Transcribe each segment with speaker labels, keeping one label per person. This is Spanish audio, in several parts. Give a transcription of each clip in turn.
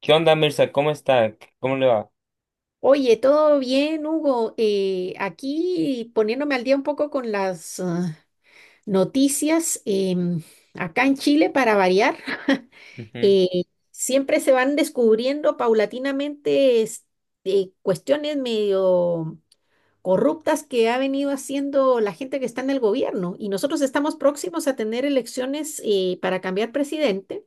Speaker 1: ¿Qué onda, Mirza? ¿Cómo está? ¿Cómo le va?
Speaker 2: Oye, todo bien, Hugo. Aquí poniéndome al día un poco con las noticias acá en Chile para variar.
Speaker 1: Ujú.
Speaker 2: eh, siempre se van descubriendo paulatinamente cuestiones medio corruptas que ha venido haciendo la gente que está en el gobierno. Y nosotros estamos próximos a tener elecciones para cambiar presidente.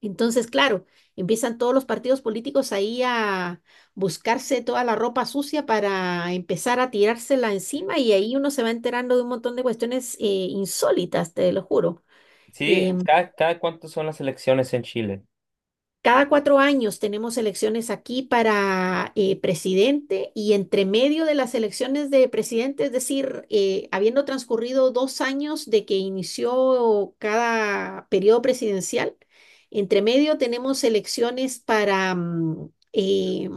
Speaker 2: Entonces, claro, empiezan todos los partidos políticos ahí a buscarse toda la ropa sucia para empezar a tirársela encima, y ahí uno se va enterando de un montón de cuestiones insólitas, te lo juro.
Speaker 1: Sí,
Speaker 2: Em,
Speaker 1: cada cuánto son las elecciones en Chile?
Speaker 2: Cada 4 años tenemos elecciones aquí para presidente, y entre medio de las elecciones de presidente, es decir, habiendo transcurrido 2 años de que inició cada periodo presidencial, entre medio tenemos elecciones para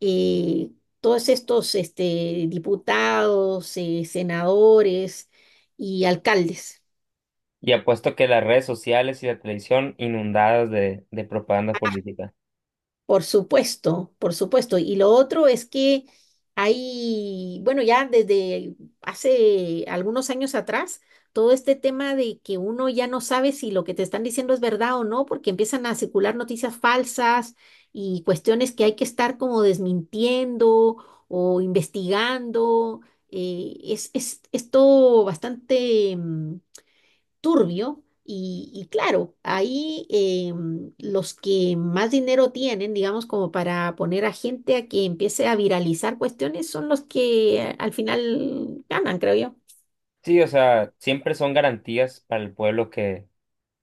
Speaker 2: eh, todos estos diputados, senadores y alcaldes.
Speaker 1: Y apuesto que las redes sociales y la televisión inundadas de propaganda política.
Speaker 2: Por supuesto, por supuesto. Y lo otro es que hay, bueno, ya desde hace algunos años atrás, todo este tema de que uno ya no sabe si lo que te están diciendo es verdad o no, porque empiezan a circular noticias falsas y cuestiones que hay que estar como desmintiendo o investigando. Es todo bastante, turbio. Y claro, ahí los que más dinero tienen, digamos, como para poner a gente a que empiece a viralizar cuestiones, son los que al final ganan, creo yo.
Speaker 1: Sí, o sea, siempre son garantías para el pueblo que,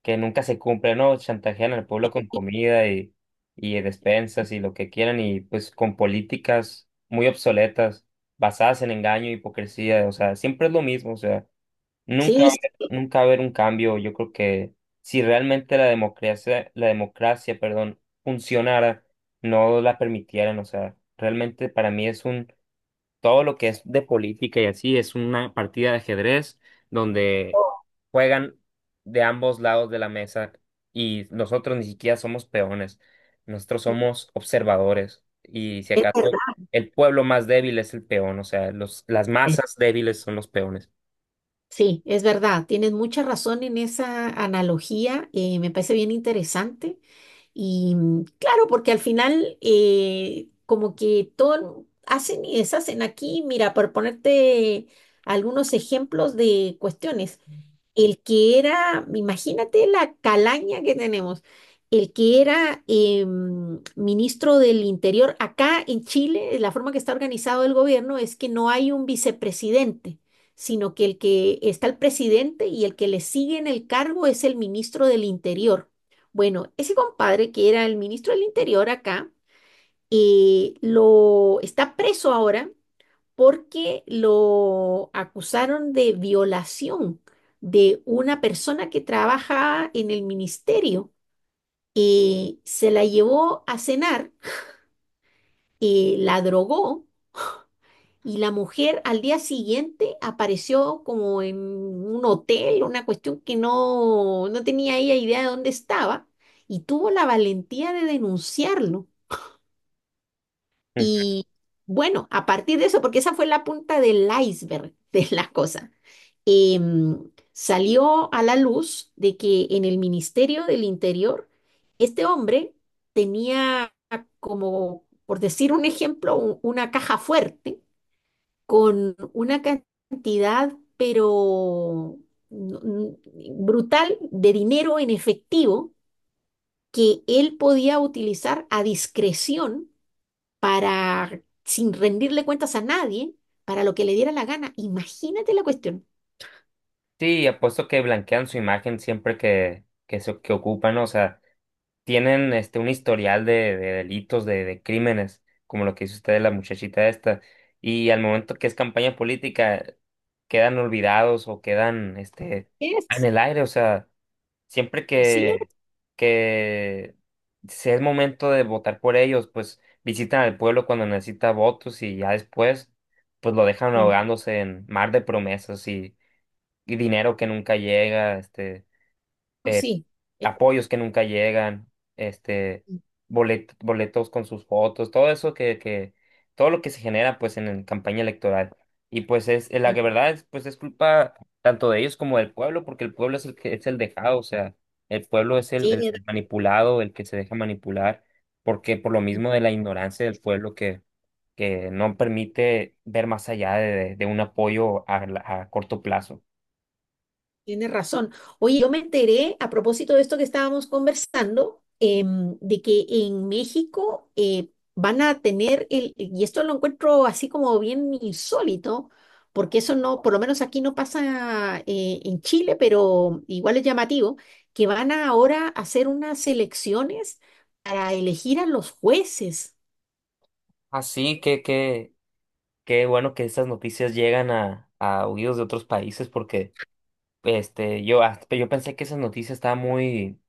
Speaker 1: que nunca se cumple, ¿no? Chantajean al pueblo con comida y despensas y lo que quieran, y pues con políticas muy obsoletas, basadas en engaño y hipocresía. O sea, siempre es lo mismo, o sea. Nunca,
Speaker 2: Sí, sí,
Speaker 1: nunca va a haber un cambio. Yo creo que si realmente la democracia, perdón, funcionara, no la permitieran. O sea, realmente para mí es un, todo lo que es de política y así es una partida de ajedrez donde juegan de ambos lados de la mesa y nosotros ni siquiera somos peones. Nosotros somos observadores, y si
Speaker 2: es verdad.
Speaker 1: acaso el pueblo más débil es el peón. O sea, los, las
Speaker 2: eh,
Speaker 1: masas débiles son los peones.
Speaker 2: Sí, es verdad. Tienes mucha razón en esa analogía. Me parece bien interesante. Y claro, porque al final como que todo hacen y deshacen aquí, mira, por ponerte algunos ejemplos de cuestiones. El que era, imagínate la calaña que tenemos, el que era ministro del Interior acá en Chile. La forma que está organizado el gobierno es que no hay un vicepresidente, sino que el que está el presidente y el que le sigue en el cargo es el ministro del Interior. Bueno, ese compadre que era el ministro del Interior acá, lo está preso ahora porque lo acusaron de violación de una persona que trabaja en el ministerio. Se la llevó a cenar, la drogó, y la mujer al día siguiente apareció como en un hotel, una cuestión que no, no tenía ella idea de dónde estaba, y tuvo la valentía de denunciarlo. Y bueno, a partir de eso, porque esa fue la punta del iceberg de la cosa, salió a la luz de que en el Ministerio del Interior, este hombre tenía, como, por decir un ejemplo, una caja fuerte con una cantidad, pero no- n- brutal, de dinero en efectivo que él podía utilizar a discreción para, sin rendirle cuentas a nadie, para lo que le diera la gana. Imagínate la cuestión.
Speaker 1: Sí, apuesto que blanquean su imagen siempre que ocupan, ¿no? O sea, tienen este, un historial de delitos, de crímenes, como lo que hizo usted de la muchachita esta, y al momento que es campaña política, quedan olvidados o quedan este, en
Speaker 2: Es,
Speaker 1: el aire. O sea, siempre
Speaker 2: sí, es,
Speaker 1: que sea el momento de votar por ellos, pues visitan al pueblo cuando necesita votos, y ya después pues lo dejan
Speaker 2: mm,
Speaker 1: ahogándose en mar de promesas y dinero que nunca llega, este,
Speaker 2: o
Speaker 1: eh,
Speaker 2: sí. eh,
Speaker 1: apoyos que nunca llegan, este,
Speaker 2: mm,
Speaker 1: boletos con sus fotos, todo eso que, todo lo que se genera pues en campaña electoral. Y pues es, la
Speaker 2: mm,
Speaker 1: que verdad es, pues es culpa tanto de ellos como del pueblo, porque el pueblo es el que es el dejado. O sea, el pueblo es el
Speaker 2: sí.
Speaker 1: manipulado, el que se deja manipular, porque por lo mismo de la ignorancia del pueblo que no permite ver más allá de un apoyo a a corto plazo.
Speaker 2: Tienes razón. Oye, yo me enteré a propósito de esto que estábamos conversando, de que en México van a tener y esto lo encuentro así como bien insólito, porque eso no, por lo menos aquí no pasa en Chile, pero igual es llamativo, que van a ahora hacer unas elecciones para elegir a los jueces.
Speaker 1: Así que, qué bueno que estas noticias llegan a oídos de otros países, porque este, yo, yo pensé que esa noticia estaba muy,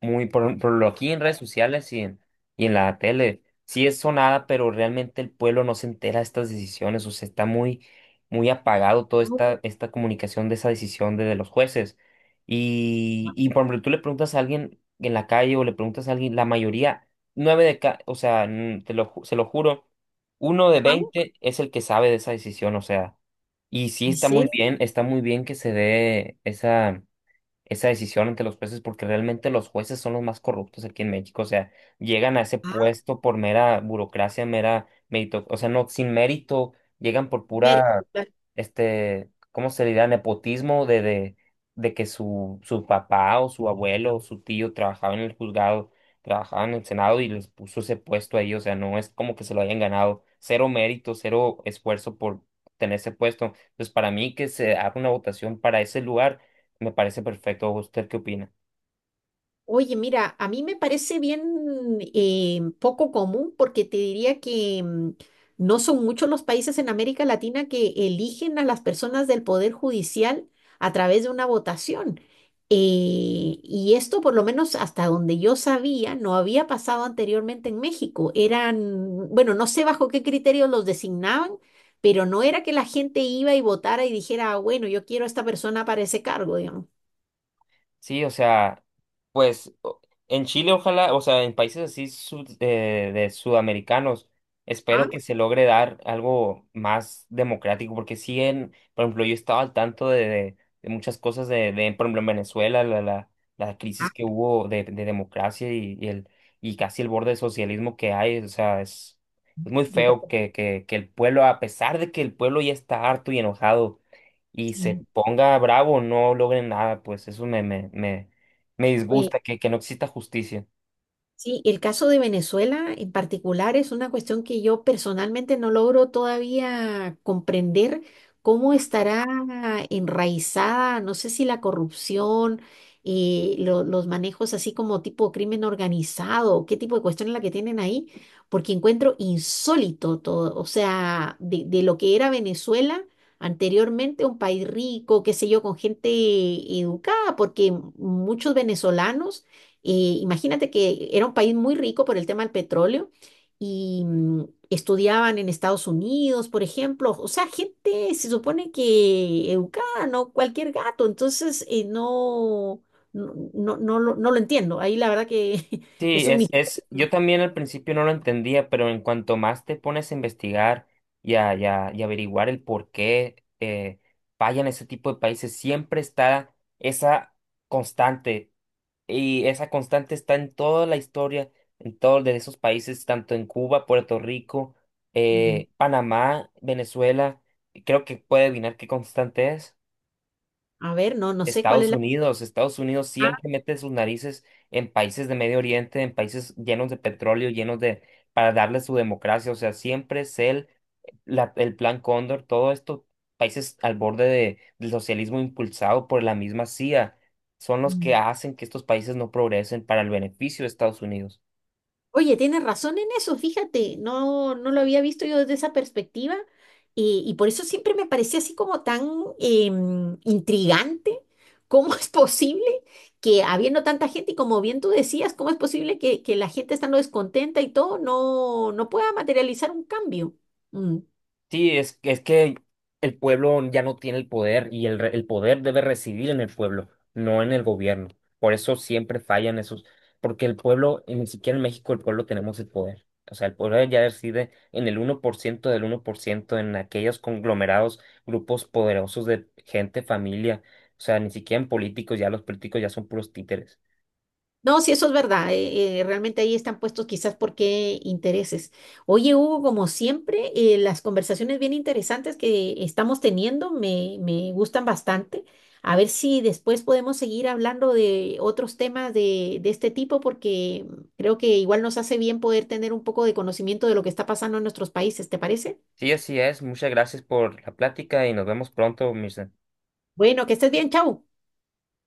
Speaker 1: muy, por lo aquí en redes sociales y en la tele. Sí es sonada, pero realmente el pueblo no se entera de estas decisiones. O sea, está muy, muy apagado toda
Speaker 2: Wow.
Speaker 1: esta, esta comunicación de esa decisión de los jueces. Y por ejemplo, tú le preguntas a alguien en la calle, o le preguntas a alguien, la mayoría, nueve de cada, o sea, te lo, se lo juro, uno de
Speaker 2: Ajá.
Speaker 1: veinte es el que sabe de esa decisión. O sea. Y sí,
Speaker 2: ¿En serio?
Speaker 1: está muy bien que se dé esa, esa decisión entre los jueces, porque realmente los jueces son los más corruptos aquí en México. O sea, llegan a ese
Speaker 2: Ah,
Speaker 1: puesto por mera burocracia, mera mérito, o sea, no, sin mérito, llegan por
Speaker 2: mira.
Speaker 1: pura, este, ¿cómo se dirá? Nepotismo de que su papá o su abuelo o su tío trabajaba en el juzgado, trabajaba en el Senado, y les puso ese puesto ahí. O sea, no es como que se lo hayan ganado, cero mérito, cero esfuerzo por tener ese puesto. Entonces, para mí que se haga una votación para ese lugar me parece perfecto. ¿Usted qué opina?
Speaker 2: Oye, mira, a mí me parece bien poco común, porque te diría que no son muchos los países en América Latina que eligen a las personas del Poder Judicial a través de una votación. Y esto, por lo menos hasta donde yo sabía, no había pasado anteriormente en México. Eran, bueno, no sé bajo qué criterios los designaban, pero no era que la gente iba y votara y dijera, "Ah, bueno, yo quiero a esta persona para ese cargo, digamos".
Speaker 1: Sí, o sea, pues en Chile, ojalá, o sea, en países así de sudamericanos, espero
Speaker 2: Ah,
Speaker 1: que se logre dar algo más democrático, porque sí, en, por ejemplo, yo estaba al tanto de, de muchas cosas de, por ejemplo, en Venezuela, la crisis
Speaker 2: Ah,
Speaker 1: que hubo de democracia, y el, y casi el borde de socialismo que hay. O sea, es muy
Speaker 2: yo creo que
Speaker 1: feo que el pueblo, a pesar de que el pueblo ya está harto y enojado, y se
Speaker 2: sí.
Speaker 1: ponga bravo, no logren nada. Pues eso me
Speaker 2: Oye,
Speaker 1: disgusta, que no exista justicia.
Speaker 2: sí, el caso de Venezuela en particular es una cuestión que yo personalmente no logro todavía comprender cómo estará enraizada, no sé si la corrupción, los manejos así como tipo crimen organizado, qué tipo de cuestión es la que tienen ahí, porque encuentro insólito todo, o sea, de lo que era Venezuela. Anteriormente un país rico, qué sé yo, con gente educada, porque muchos venezolanos imagínate que era un país muy rico por el tema del petróleo, y estudiaban en Estados Unidos, por ejemplo. O sea, gente se supone que educada, no cualquier gato. Entonces, no, no, no, no lo entiendo. Ahí la verdad que
Speaker 1: Sí,
Speaker 2: es un misterio.
Speaker 1: es, yo también al principio no lo entendía, pero en cuanto más te pones a investigar y y averiguar el por qué fallan ese tipo de países, siempre está esa constante, y esa constante está en toda la historia, en todos de esos países, tanto en Cuba, Puerto Rico, Panamá, Venezuela, y creo que puede adivinar qué constante es.
Speaker 2: A ver, no, no sé cuál
Speaker 1: Estados
Speaker 2: es la...
Speaker 1: Unidos, Estados Unidos siempre mete sus narices en países de Medio Oriente, en países llenos de petróleo, llenos de, para darle su democracia. O sea, siempre es el, el plan Cóndor, todo esto, países al borde de, del socialismo impulsado por la misma CIA, son los que
Speaker 2: Ah.
Speaker 1: hacen que estos países no progresen para el beneficio de Estados Unidos.
Speaker 2: Oye, tienes razón en eso, fíjate, no, no lo había visto yo desde esa perspectiva, y por eso siempre me parecía así como tan intrigante, cómo es posible que habiendo tanta gente y como bien tú decías, cómo es posible que la gente estando descontenta y todo no, no pueda materializar un cambio. Mm.
Speaker 1: Sí, es que el pueblo ya no tiene el poder, y el, el poder debe residir en el pueblo, no en el gobierno. Por eso siempre fallan esos, porque el pueblo, y ni siquiera en México el pueblo tenemos el poder. O sea, el pueblo ya reside en el 1% del 1%, en aquellos conglomerados, grupos poderosos de gente, familia. O sea, ni siquiera en políticos, ya los políticos ya son puros títeres.
Speaker 2: No, sí, eso es verdad. Realmente ahí están puestos quizás por qué intereses. Oye, Hugo, como siempre, las conversaciones bien interesantes que estamos teniendo me gustan bastante. A ver si después podemos seguir hablando de otros temas de este tipo, porque creo que igual nos hace bien poder tener un poco de conocimiento de lo que está pasando en nuestros países, ¿te parece?
Speaker 1: Sí, así es. Muchas gracias por la plática y nos vemos pronto, mis
Speaker 2: Bueno, que estés bien, chau.